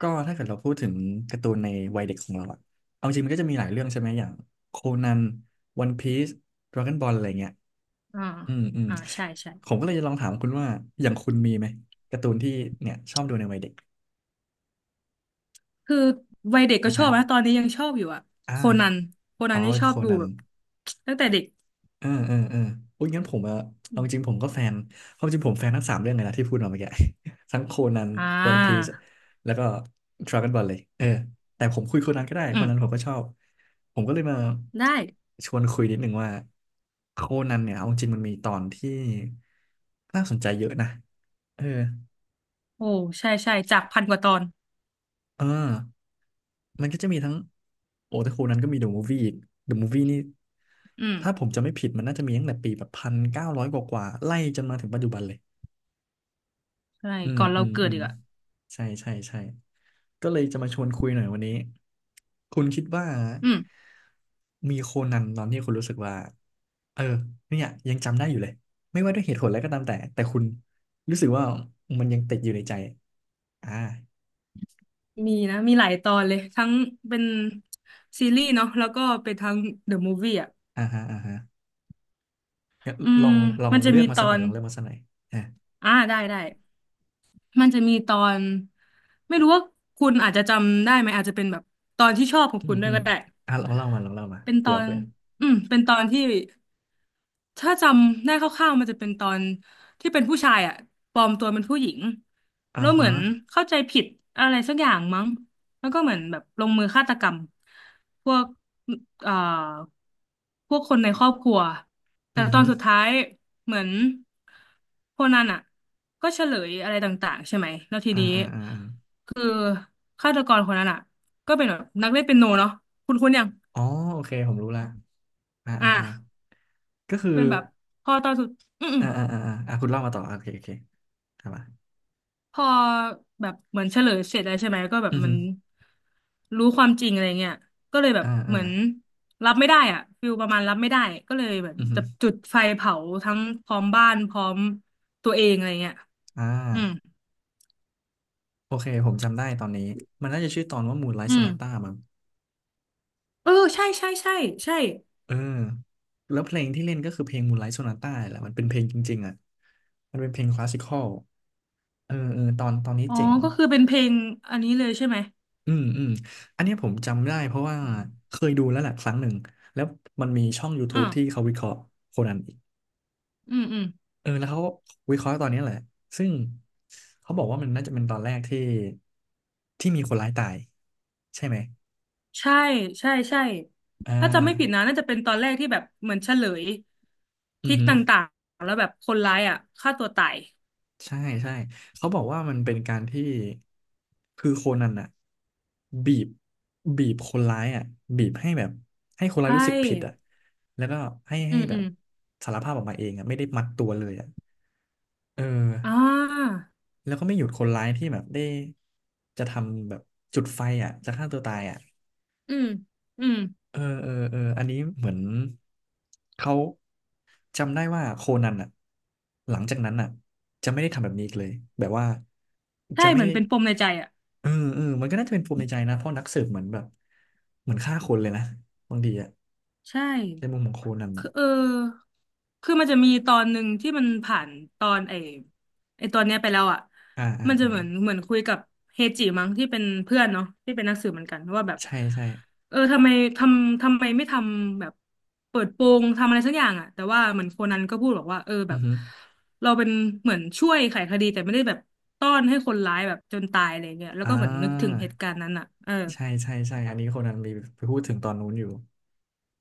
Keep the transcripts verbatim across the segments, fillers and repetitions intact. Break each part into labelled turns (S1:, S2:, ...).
S1: ก็ถ้าเกิดเราพูดถึงการ์ตูนในวัยเด็กของเราอะเอาจริงมันก็จะมีหลายเรื่องใช่ไหมอย่างโคนันวันพีซดราก้อนบอลอะไรเงี้ย
S2: อ่า
S1: อืมอืม
S2: อ่าใช่ใช่
S1: ผมก็เลยจะลองถามคุณว่าอย่างคุณมีไหมการ์ตูนที่เนี่ยชอบดูในวัยเด็ก
S2: คือวัยเด็กก็
S1: อ่ะ
S2: ชอ
S1: ฮะ
S2: บนะตอนนี้ยังชอบอยู่อะ
S1: อ่า
S2: โคนันโคนั
S1: อ๋อ
S2: นนี่
S1: เป็น
S2: ชอ
S1: โค
S2: บดู
S1: นัน
S2: แบบตั้งแต่เด็ก
S1: อ่าอ่าอ่าอุ้ยงั้นผมอะ
S2: อ
S1: เอา
S2: ม
S1: จริงๆผมก็แฟนความจริงผมแฟนทั้งสามเรื่องเลยนะที่พูดมาเมื่อกี้ ทั้งโคนัน
S2: อ่
S1: วันพีซ
S2: า
S1: แล้วก็ดราก้อนบอลเลยเออแต่ผมคุยโคนันก็ได้
S2: อื
S1: โค
S2: ม
S1: นันผมก็ชอบ ผมก็เลยมา
S2: ได้
S1: ชวนคุยนิดหนึ่งว่าโคนันเนี่ยเอาจริงมันมีตอนที่น่าสนใจเยอะนะเออ
S2: โอ้ใช่ใช่จากพันกว่าตอน
S1: เออมันก็จะมีทั้ง โอ้แต่โคนันก็มีเดอะมูฟวี่อีกเดอะมูฟวี่นี่
S2: อืม
S1: ถ้าผมจะไม่ผิดมันน่าจะมีตั้งแต่ปีแบบพันเก้าร้อยกว่าๆไล่จนมาถึงปัจจุบันเลย
S2: ใช่
S1: อืม
S2: ก่อนเรา
S1: อืม
S2: เกิ
S1: อื
S2: ด
S1: ม
S2: อีกอะ
S1: ใช่ใช่ใช่ก็เลยจะมาชวนคุยหน่อยวันนี้คุณคิดว่า
S2: อืม
S1: มีโคนันตอนที่คุณรู้สึกว่าเออเนี่ยยังจำได้อยู่เลยไม่ว่าด้วยเหตุผลอะไรก็ตามแต่แต่คุณรู้สึกว่ามันยังติดอยู่ในใจอ่า
S2: มีนะมีหลายตอนเลยทั้งเป็นซีรีส์เนาะแล้วก็เป็นทั้งเดอะมูฟวี่อะ
S1: อ่าฮะอ่าฮะงั้น
S2: อื
S1: ล
S2: ม
S1: องลอง
S2: มันจะ
S1: เลือ
S2: มี
S1: กมา
S2: ต
S1: สั
S2: อ
S1: กหน่อย
S2: น
S1: ลองเลือกมาสักหน่อยอ่า
S2: อ่าได้ได้มันจะมีตอนไม่รู้ว่าคุณอาจจะจำได้ไหมอาจจะเป็นแบบตอนที่ชอบของ
S1: อื
S2: คุ
S1: ม
S2: ณด้ว
S1: อื
S2: ย
S1: ม
S2: ก็ได้
S1: อ่าลองเล่ามาลองเล่ามา
S2: เป็นต
S1: เผื่
S2: อ
S1: อ
S2: น
S1: เผื่อ
S2: อืมเป็นตอนที่ถ้าจำได้คร่าวๆมันจะเป็นตอนที่เป็นผู้ชายอ่ะปลอมตัวเป็นผู้หญิง
S1: อ่า
S2: แล้วเห
S1: ฮะ
S2: มือนเข้าใจผิดอะไรสักอย่างมั้งแล้วก็เหมือนแบบลงมือฆาตกรรมพวกเอ่อพวกคนในครอบครัวแต่
S1: อือ
S2: ต
S1: ฮึ
S2: อนสุดท้ายเหมือนโคนันอ่ะก็เฉลยอะไรต่างๆใช่ไหมแล้วที
S1: อ่า
S2: นี้
S1: อ่าอ่าอา
S2: คือฆาตกรคนนั้นอ่ะก็เป็นแบบนักเล่นเปียโนเนาะคุณคุณยัง
S1: อ๋อโอเคผมรู้ละอ่า
S2: อ่ะ
S1: อ่าอ่าก็คือ
S2: เป็นแบบพอตอนสุดอืม
S1: อ่าอ่าอ่าอ่าอ่ะคุณเล่ามาต่อ โอเคโอเคครับอ่ะ
S2: ๆพอแบบเหมือนเฉลยเสร็จแล้วใช่ไหมก็แบบ
S1: อือ
S2: มั
S1: ฮึ
S2: นรู้ความจริงอะไรเงี้ยก็เลยแบบ
S1: อ่า
S2: เห
S1: อ่า
S2: มือนรับไม่ได้อ่ะฟิลประมาณรับไม่ได้ก็เลยแบบ
S1: อือฮึ
S2: จะจุดไฟเผาทั้งพร้อมบ้านพร้อมตัวเองอะไรเงี้ย
S1: อ่า
S2: อืม
S1: โอเค ผมจำได้ตอนนี้ มันน่าจะชื่อตอนว่า Moonlight
S2: อืม
S1: Sonata มั้ง
S2: เออใช่ใช่ใช่ใช่
S1: เออ แล้วเพลงที่เล่นก็คือเพลง Moonlight Sonata แหละมันเป็นเพลงจริงๆอ่ะ มันเป็นเพลงคลาสสิคอลเออเออตอนตอนนี้
S2: อ๋อ
S1: เจ๋ง
S2: ก็คือเป็นเพลงอันนี้เลยใช่ไหม
S1: อืมอืมอันเนี้ยผมจำได้เพราะว่า
S2: โอืม
S1: เคยดูแล้วแหละครั้งหนึ่ง แล้วมันมีช่อง
S2: อ่า
S1: YouTube ที่เขาวิเคราะห์โคนัน
S2: อืมอืม
S1: เออแล้วเขาก็วิเคราะห์ตอนนี้แหละซึ่งเขาบอกว่ามันน่าจะเป็นตอนแรกที่ที่มีคนร้ายตายใช่ไหม
S2: ใช่ใช่ใช่
S1: อ่
S2: ถ้าจำไม่ผิด
S1: า
S2: นะน่าจะเป็นตอนแรกที่แบบเหมือนเฉลย
S1: อือ
S2: ทิศ
S1: หื
S2: ต
S1: อ
S2: ่างๆแล้วแบบคนร้ายอ่ะฆ่าตัวตาย
S1: ใช่ใช่เขาบอกว่ามันเป็นการที่คือโคนันน่ะบีบบีบคนร้ายอ่ะบีบให้แบบให้คนร้าย
S2: ใช่
S1: รู้สึกผิดอ่ะแล้วก็ให้
S2: อื
S1: ให้
S2: ม
S1: แบ
S2: อื
S1: บ
S2: ม
S1: สารภาพออกมาเองอ่ะไม่ได้มัดตัวเลยอ่ะเออ
S2: อ่า
S1: แล้วก็ไม่หยุดคนร้ายที่แบบได้จะทำแบบจุดไฟอ่ะจะฆ่าตัวตายอ่ะ
S2: อืมอืม
S1: เออเออเอออันนี้เหมือนเขาจำได้ว่าโคนันอ่ะหลังจากนั้นอ่ะจะไม่ได้ทำแบบนี้อีกเลยแบบว่า
S2: ใช่
S1: จะไม่
S2: เหมือ
S1: ได้
S2: นเป็นปมในใจอ่ะ
S1: เออเออมันก็น่าจะเป็นปมในใจนะเพราะนักสืบเหมือนแบบเหมือนฆ่าคนเลยนะบางทีอ่ะ
S2: ใช่
S1: ในมุมของโคนันอ่ะ
S2: คือเออคือมันจะมีตอนหนึ่งที่มันผ่านตอนไอ้ไอ้ตอนเนี้ยไปแล้วอ่ะ
S1: อ่าอ่า
S2: มันจะ
S1: อ่า
S2: เหมือนเหมือนคุยกับเฮจิมั้งที่เป็นเพื่อนเนาะที่เป็นนักสืบเหมือนกันว่าแบบ
S1: ใช่ใช่
S2: เออทำไมทำทำไมไม่ทำแบบเปิดโปงทำอะไรสักอย่างอ่ะแต่ว่าเหมือนโคนันก็พูดบอกว่าเออแบ
S1: อือ
S2: บ
S1: ฮึ
S2: เราเป็นเหมือนช่วยไขคดีแต่ไม่ได้แบบต้อนให้คนร้ายแบบจนตายอะไรเงี้ยแล้ว
S1: อ่
S2: ก็เหมือนนึกถึง
S1: า
S2: เหตุการณ์นั้นอ่ะเออ
S1: ใช่ใช่ใช่อันนี้โคนันมีไปพูดถึงตอนนู้นอยู่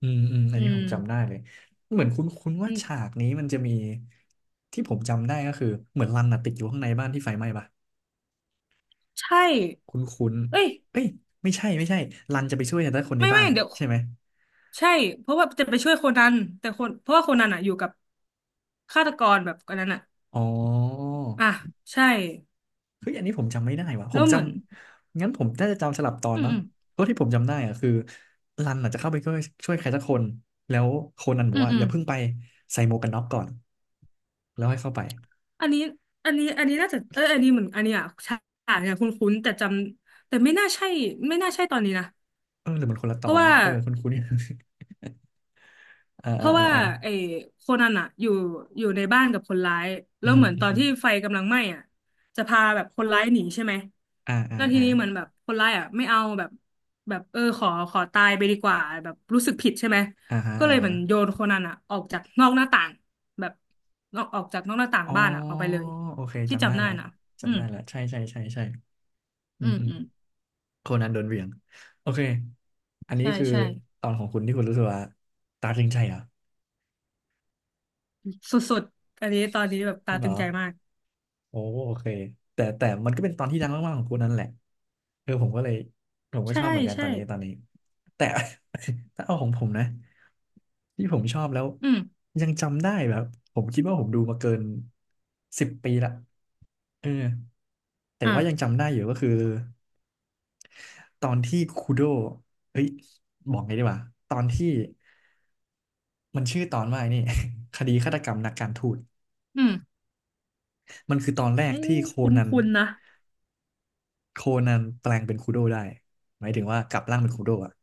S1: อืมอืมอัน
S2: อื
S1: นี้ผ
S2: ม
S1: มจำได้เลย เหมือนคุ้นณ
S2: อื
S1: ว่าฉา
S2: ม
S1: กนี้มันจะมีที่ผมจำได้ก็คือเหมือนรันน่ะติดอยู่ข้างในบ้านที่ไฟไหม้ปะ
S2: ใช่
S1: คุ้นณ
S2: เอ้ย
S1: เอ้ยไม่ใช่ไม่ใช่รันจะไปช่วยแต่คนใน
S2: ไม่
S1: บ้า
S2: ไม่
S1: น
S2: เดี๋ยว
S1: ใช่ไหม
S2: ใช่เพราะว่าจะไปช่วยโคนันแต่คนเพราะว่าโคนันอ่ะอยู่กับฆาตกรแบบอันนั้นอ่ะ
S1: อ๋อ
S2: อ่ะใช่
S1: เฮ้ยอันนี้ผมจำไม่ได้ว่ะผ
S2: แล้
S1: ม
S2: วเห
S1: จ
S2: มือน
S1: ำงั้นผมน่าจะจำสลับตอน
S2: อืม
S1: มั้
S2: อื
S1: ง
S2: ม
S1: เพราะที่ผมจำได้อะคือรันน่ะจะเข้าไปช่วยช่วยใครสักคนแล้วโคนันบอ
S2: อื
S1: ก
S2: ม
S1: ว่า
S2: อื
S1: อ
S2: ม
S1: ย่าเพิ่งไปใส่หมวกกันน็อกก่อนแล้วให้เข้าไป
S2: อันนี้อันนี้อันนี้น่าจะเอออันนี้เหมือนอันนี้อ่ะฉากเนี่ยคุ้นๆแต่จำแต่ไม่น่าใช่ไม่น่าใช่ตอนนี้นะ
S1: เออหรือมันคนละต
S2: เพ
S1: อ
S2: ราะ
S1: น
S2: ว่า
S1: นะเออคุ้นๆ อ่า
S2: เพ
S1: อ่า
S2: ราะ
S1: อ่า
S2: ว่า
S1: อ่า
S2: ไอ้โคนันอะอยู่อยู่ในบ้านกับคนร้าย
S1: อื
S2: แล้ว
S1: ม
S2: เหมือน
S1: อื
S2: ตอน
S1: ม
S2: ที่ไฟกำลังไหม้อะจะพาแบบคนร้ายหนีใช่ไหม
S1: อ่าอ่า
S2: แล้วที
S1: อ่า
S2: นี้เหมือนแบบคนร้ายอะไม่เอาแบบแบบเออขอขอตายไปดีกว่าแบบรู้สึกผิดใช่ไหม
S1: อ่าฮะ
S2: ก็เล
S1: อ่า
S2: ยเหมื
S1: ฮะ
S2: อนโยนโคนันอะออกจากนอกหน้าต่างแบบนอกออกจากนอกหน้าต่าง
S1: อ๋อ
S2: บ้านอะออกไปเลย
S1: โอเค
S2: ที่
S1: จำได้
S2: จำได้
S1: ละ
S2: นะอื
S1: จำ
S2: ม
S1: ได้ละใช่ใช่ใช่ใช่อื
S2: อื
S1: ม
S2: ม
S1: อืม
S2: อืม
S1: โคนันโดนเหวี่ยงโอเคอันนี้
S2: ใช่
S1: คือ
S2: ใช่
S1: ตอนของคุณที่คุณรู้สึกว่าตาจริงใจเหรอ
S2: สุดๆอันนี้ตอนนี้แบบตา
S1: ไม่เห
S2: ตึ
S1: ร
S2: ง
S1: อ
S2: ใจมาก
S1: โอ้โอเคแต่แต่มันก็เป็นตอนที่ดังมากๆของคุณนั่นแหละเออผมก็เลยผมก็
S2: ใช่
S1: ชอบเหมือนกันต
S2: ใช่
S1: อนนี้ตอนนี้แต่ ถ้าเอาของผมนะที่ผมชอบแล้ว
S2: อืม
S1: ยังจำได้แบบผมคิดว่าผมดูมาเกินสิบปีละเออ แต่
S2: อ่ะ
S1: ว่ายังจำได้อยู่ก็คือตอนที่คูโดเฮ้ยบอกไงดีวะตอนที่มันชื่อตอนว่าไอ้นี่ คดีฆาตกรรมนักการทูต
S2: อืม
S1: มันคือตอนแร
S2: เอ้
S1: กที่
S2: ย
S1: โค
S2: ค
S1: นัน
S2: ุ้นๆนะ
S1: โคนันแปลงเป็นคูโดได้หมายถึงว่ากลับร่างเป็นคูโดอ่ะ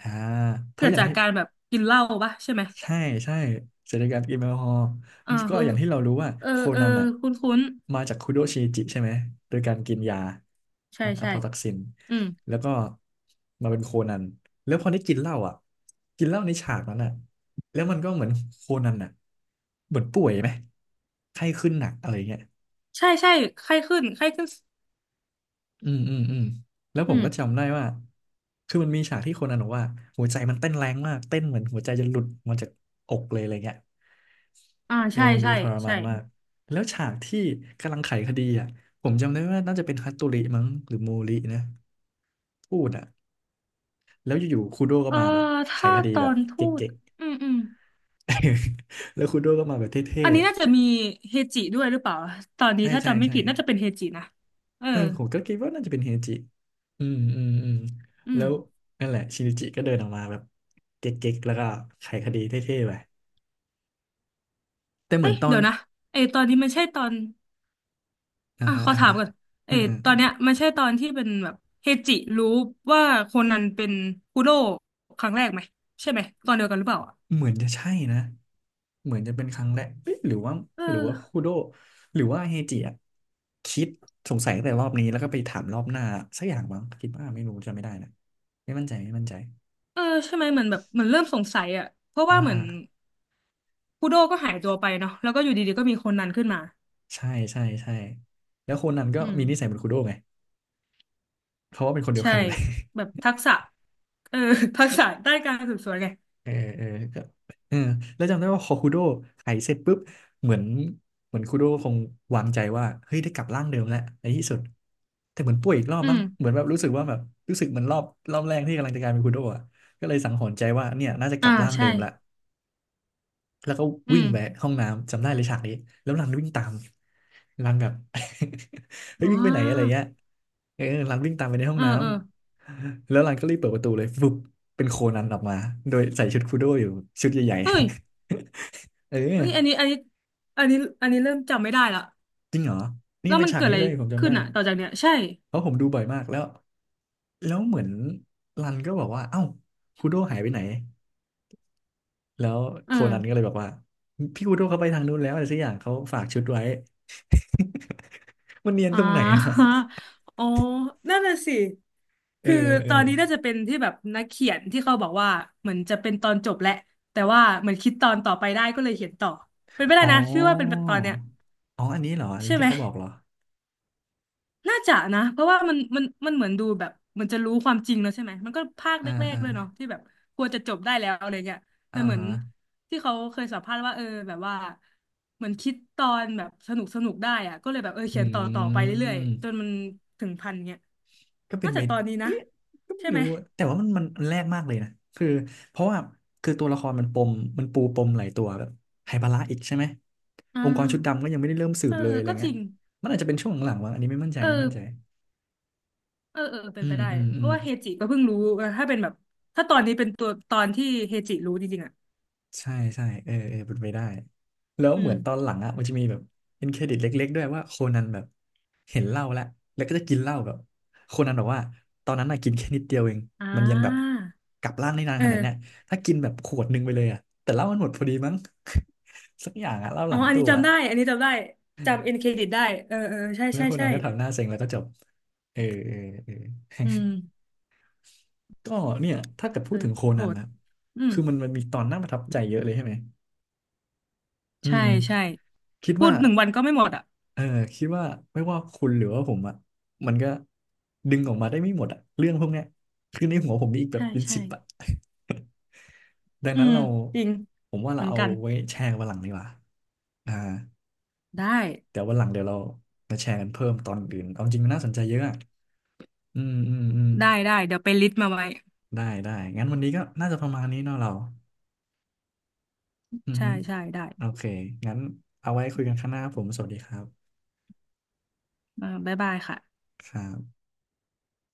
S1: อ่าเพ
S2: เกิ
S1: ราะอ
S2: ด
S1: ย่าง
S2: จาก
S1: ที่
S2: การแบบกินเหล้าปะใช่ไหม
S1: ใช่ใช่เสถียรการกินแอลกอฮอล์
S2: อ่า
S1: ก็
S2: คือ
S1: อย่างที่เรารู้ว่า
S2: เออ
S1: โค
S2: เออ
S1: นันอ่ะ
S2: คุ้นคุ้น
S1: มาจากคุโดชิจิใช่ไหมโดยการกินยา
S2: ใช่
S1: อืมอะ
S2: ใช่
S1: พอทักซิน
S2: อืม
S1: แล้วก็มาเป็นโคนันแล้วพอได้กินเหล้าอ่ะกินเหล้าในฉากนั้นอ่ะแล้วมันก็เหมือนโคนันอ่ะเหมือนป่วยไหมไข้ขึ้นหนักอะไรเงี้ย
S2: ใช่ใช่ไข้ขึ้นไข้ขึ้น
S1: อืมอืมอืมแล้วผ
S2: อื
S1: ม
S2: ม
S1: ก็จำได้ว่าคือมันมีฉากที่โคนันบอกว่าหัวใจมันเต้นแรงมากเต้นเหมือนหัวใจจะหลุดมาจากอกเลยอะไรเงี้ย
S2: อ่า
S1: เออ
S2: ใช่
S1: มันดู
S2: ใช่
S1: ทรมา
S2: ใช่
S1: นมากแล้วฉากที่กำลังไขคดีอ่ะผมจำได้ว่าน่าจะเป็นฮัตโตริมั้งหรือมูรินะพูดอ่ะแล้วอยู่ๆคูโดก็
S2: เออ
S1: มาแบบไข
S2: ถ้า
S1: คดี
S2: ตอ
S1: แบบ
S2: นทู
S1: เก๊
S2: ต
S1: ก
S2: อืมอืม
S1: ๆ แล้วคูโดก็มาแบบเท่
S2: อันนี้น่าจะมีเฮจิด้วยหรือเปล่าตอน
S1: ๆ
S2: นี้
S1: ใช่
S2: ถ้า
S1: ใช่
S2: จำไม่
S1: ใช่
S2: ผิดน่าจะเป็นเฮจินะเออ
S1: เออผมก็คิดว่าน่าจะเป็นเฮจิอืมอืมอืม
S2: อื
S1: แล้
S2: ม
S1: วนั่นแหละชินิจิก็เดินออกมาแบบเก๊กๆแล้วก็ไขคดีเท่ๆไปแต่เหมื
S2: เอ้
S1: อน
S2: ย
S1: ตอน
S2: เดี๋ยวนะไอตอนนี้มันใช่ตอน
S1: อ่า
S2: อ่ะ
S1: ฮะ
S2: ขอ
S1: อ่า
S2: ถา
S1: ฮะ
S2: มก่อนเอ
S1: อื
S2: อ
S1: มอืม
S2: ตอนเนี้ยมันใช่ตอนที่เป็นแบบเฮจิรู้ว่าโคนันเป็นคุโร่ครั้งแรกไหมใช่ไหมตอนเดียวกันหรือเปล่าอ่ะ
S1: เหมือนจะใช่นะ เหมือนจะเป็นครั้งแรกเอะหรือว่า
S2: เออ
S1: หรือว่าคูโดหรือว่าเฮจิอะคิดสงสัยตั้งแต่รอบนี้แล้วก็ไปถามรอบหน้าสักอย่างบ้างคิดว่าไม่รู้จำไม่ได้นะไม่มั่นใจไม่มั่นใจ
S2: เออใช่ไหมเหมือนแบบเหมือนเริ่มสงสัยอ่ะเพราะ
S1: อ่า
S2: ว่าเหมือนคุโร่ก็หายตัวไปเนาะแล้วก็อยู่ดีๆก็มีโคนันขึ้นมา
S1: ใช่ใช่ใช่แล้วโคนนั้นก็
S2: อืม
S1: มีนิสัยเหมือนคูโดไงเพราะว่าเป็นคนเดียว
S2: ใช่
S1: กันเลย
S2: แบบทักษะเออ ทักษะด้านการสืบสวนไง
S1: เออเออก็เออแล้วจำได้ว่าพอคูโดไถเสร็จปุ๊บเหมือนเหมือนคูโดคงวางใจว่าเฮ้ยได้กลับร่างเดิมแล้วในที่สุดแต่เหมือนป่วยอีกรอบ
S2: อื
S1: มั้ง
S2: ม
S1: เหมือนแบบรู้สึกว่าแบบรู้สึกเหมือนรอบรอบแรกที่กำลังจะกลายเป็นคูโดอ่ะก็เลยสังหรณ์ใจว่าเนี่ยน่าจะก
S2: อ่า
S1: ลับร่างเดิ
S2: ใช่
S1: มละ แล้วก็
S2: อื
S1: วิ่ง
S2: ม
S1: ไปห้องน้ำจำได้เลยฉากนี้แล้วรันวิ่งตามรันแบบ เฮ้ย
S2: อ๋
S1: วิ่งไปไหนอะไร
S2: อ
S1: เงี้ยเออรันวิ่งตามไปในห้อ
S2: เอ
S1: ง
S2: อ
S1: น้
S2: เออ
S1: ำแล้วรันก็รีบเปิดประตูเลยฟึบเป็นโคนันออกมาโดยใส่ชุดคูโดอยู่ชุดใหญ่
S2: เฮ้ย
S1: ๆ เอ
S2: เฮ้
S1: อ
S2: ยอันนี้อันนี้อันนี้อันนี้เริ่มจำไม่ได้ละ
S1: จริงเหรอนี่
S2: แล้ว
S1: เป็น
S2: มัน
S1: ฉาก
S2: เกิด
S1: นี้
S2: อะไร
S1: เลยผมจำ
S2: ขึ้
S1: ได้
S2: นอะต่อจากเนี้ยใช่
S1: เพราะผมดูบ่อยมากแล้วแล้วเหมือนรันก็บอกว่าเอ้าคูโดหายไปไหนแล้ว
S2: เอ
S1: โคนันก็
S2: อ
S1: เลยบอกว่าพี่คูโดเขาไปทางนู้นแล้วอะไรสักอย่างเขาฝากชุดไว้มันเนียนต
S2: อ่า
S1: รงไหนนะ
S2: อ๋อนั่นน่ะสิ
S1: เออ
S2: คือ
S1: เอ
S2: ต
S1: อ
S2: อนนี้น่าจะเป็นที่แบบนักเขียนที่เขาบอกว่าเหมือนจะเป็นตอนจบแหละแต่ว่าเหมือนคิดตอนต่อไปได้ก็เลยเขียนต่อ เป็นไปได้
S1: อ๋อ
S2: นะชื่อว่าเป็นแบบตอนเนี้ย
S1: อ๋ออันนี้เหรออันนี้
S2: ใช่
S1: ที่
S2: ไหม
S1: เขาบอกเหรอ
S2: น่าจะนะเพราะว่ามันมันมันเหมือนดูแบบมันจะรู้ความจริงแล้วใช่ไหมมันก็ภาค
S1: อ่า
S2: แรก
S1: อ่า
S2: ๆด้วยเนาะที่แบบควรจะจบได้แล้วอะไรเงี้ยแต่
S1: อ่า
S2: เหมือน
S1: ฮะ
S2: ที่เขาเคยสัมภาษณ์ว่าเออแบบว่าเหมือนคิดตอนแบบสนุกสนุกได้อะก็เลยแบบเออ
S1: อ
S2: เขียนต่อต่อ
S1: ื
S2: ไปเรื่อยๆจน
S1: ม
S2: มันถึงพันเงี้ย
S1: ก็เป็น
S2: น่า
S1: ไป
S2: จะตอนนี้นะ
S1: เอ้ยก็ไม่
S2: ใช่ไหม
S1: รู้อะแต่ว่ามันมันมันแรกมากเลยนะคือเพราะว่า คือตัวละครมันปมมันปูปมหลายตัวแบบไฮบาระอีกใช่ไหม
S2: อ่า
S1: องค์กรชุดดำก็ยังไม่ได้เริ่มสื
S2: เอ
S1: บ
S2: อ
S1: เลยอะไร
S2: ก็จ
S1: เงี้
S2: ริ
S1: ย
S2: ง
S1: มันอาจจะเป็นช่วงหลังๆวะอันนี้ไม่มั่นใจ
S2: เออ
S1: ไม่มั่นใจ
S2: เออเออเป็
S1: อื
S2: นไป
S1: ม
S2: ได้
S1: อืม
S2: เพ
S1: อืม
S2: ราะว่าเฮจิก็เพิ่งรู้เออถ้าเป็นแบบถ้าตอนนี้เป็นตัวตอนที่เฮจิรู้จริงๆอ่ะ
S1: ใช่ใช่เออเออเป็นไปได้แล้ว
S2: อื
S1: เหมื
S2: ม
S1: อนตอนหลังอ่ะมันจะมีแบบเป็นเครดิตเล็กๆด้วยว่าโคนันแบบเห็นเหล้าแล้วแล้วก็จะกินเหล้าแบบโคนันบอกว่าตอนนั้นน่ะกินแค่นิดเดียวเอง
S2: อ่
S1: มันยังแบบ
S2: า
S1: กลับร่างได้นาน
S2: เอ
S1: ขนาดเนี้ย
S2: อ
S1: ถ้ากินแบบขวดหนึ่งไปเลยอ่ะแต่เหล้ามันหมดพอดีมั้ง สักอย่างอ่ะเหล้าห
S2: อ๋อ
S1: ลัง
S2: อัน
S1: ตั
S2: นี้
S1: วอะ
S2: จำได้ อันนี้จำได้ จำเอ็นเครดิตได้ เออ เออ ใช่
S1: แล้ว
S2: ใช่
S1: โคนั
S2: ใช่
S1: นก็ทำหน้าเซ็งแล้วก็จบเออเออเออ
S2: อืม
S1: ก็เนี่ยถ้าเกิดพู
S2: เอ
S1: ด
S2: อ
S1: ถึงโค
S2: โห
S1: นัน
S2: ด
S1: นะ
S2: อืม
S1: คือมันมันมีตอนน่าประทับใจเยอะเลยใช่ไหมอื
S2: ใช่
S1: ม
S2: ใช่
S1: คิด
S2: พู
S1: ว่า
S2: ดหนึ่งวันก็ไม่หมดอ่ะ
S1: เออคิดว่าไม่ว่าคุณหรือว่าผมอ่ะมันก็ดึงออกมาได้ไม่หมดอ่ะเรื่องพวกเนี้ยคือในหัวผมมีอีกแบบ
S2: ใช่
S1: เป็น
S2: ใช่
S1: สิบอ่ะ ดัง
S2: อื
S1: นั้น
S2: ม
S1: เรา
S2: จริง
S1: ผมว่า
S2: เห
S1: เรา
S2: มือน
S1: เอา
S2: กัน
S1: ไว้แชร์กันวันหลังดีกว่าอ่า
S2: ได้
S1: เดี๋ยววันหลังเดี๋ยวเรามาแชร์กันเพิ่มตอนอื่นเอาจริงมันน่าสนใจเยอะอ่ะอืมอืมอืม
S2: ได้ ได้ เดี๋ยวไปลิสต์มาไว้
S1: ได้ได้งั้นวันนี้ก็น่าจะประมาณนี้เนาะเราอือ
S2: ใช่
S1: ฮึ
S2: ใช่ได้
S1: โอเคงั้นเอาไว้คุยกันข้างหน้าครับผมสวัสดีครับ
S2: อ่าบ๊ายบายค่ะ
S1: ครับ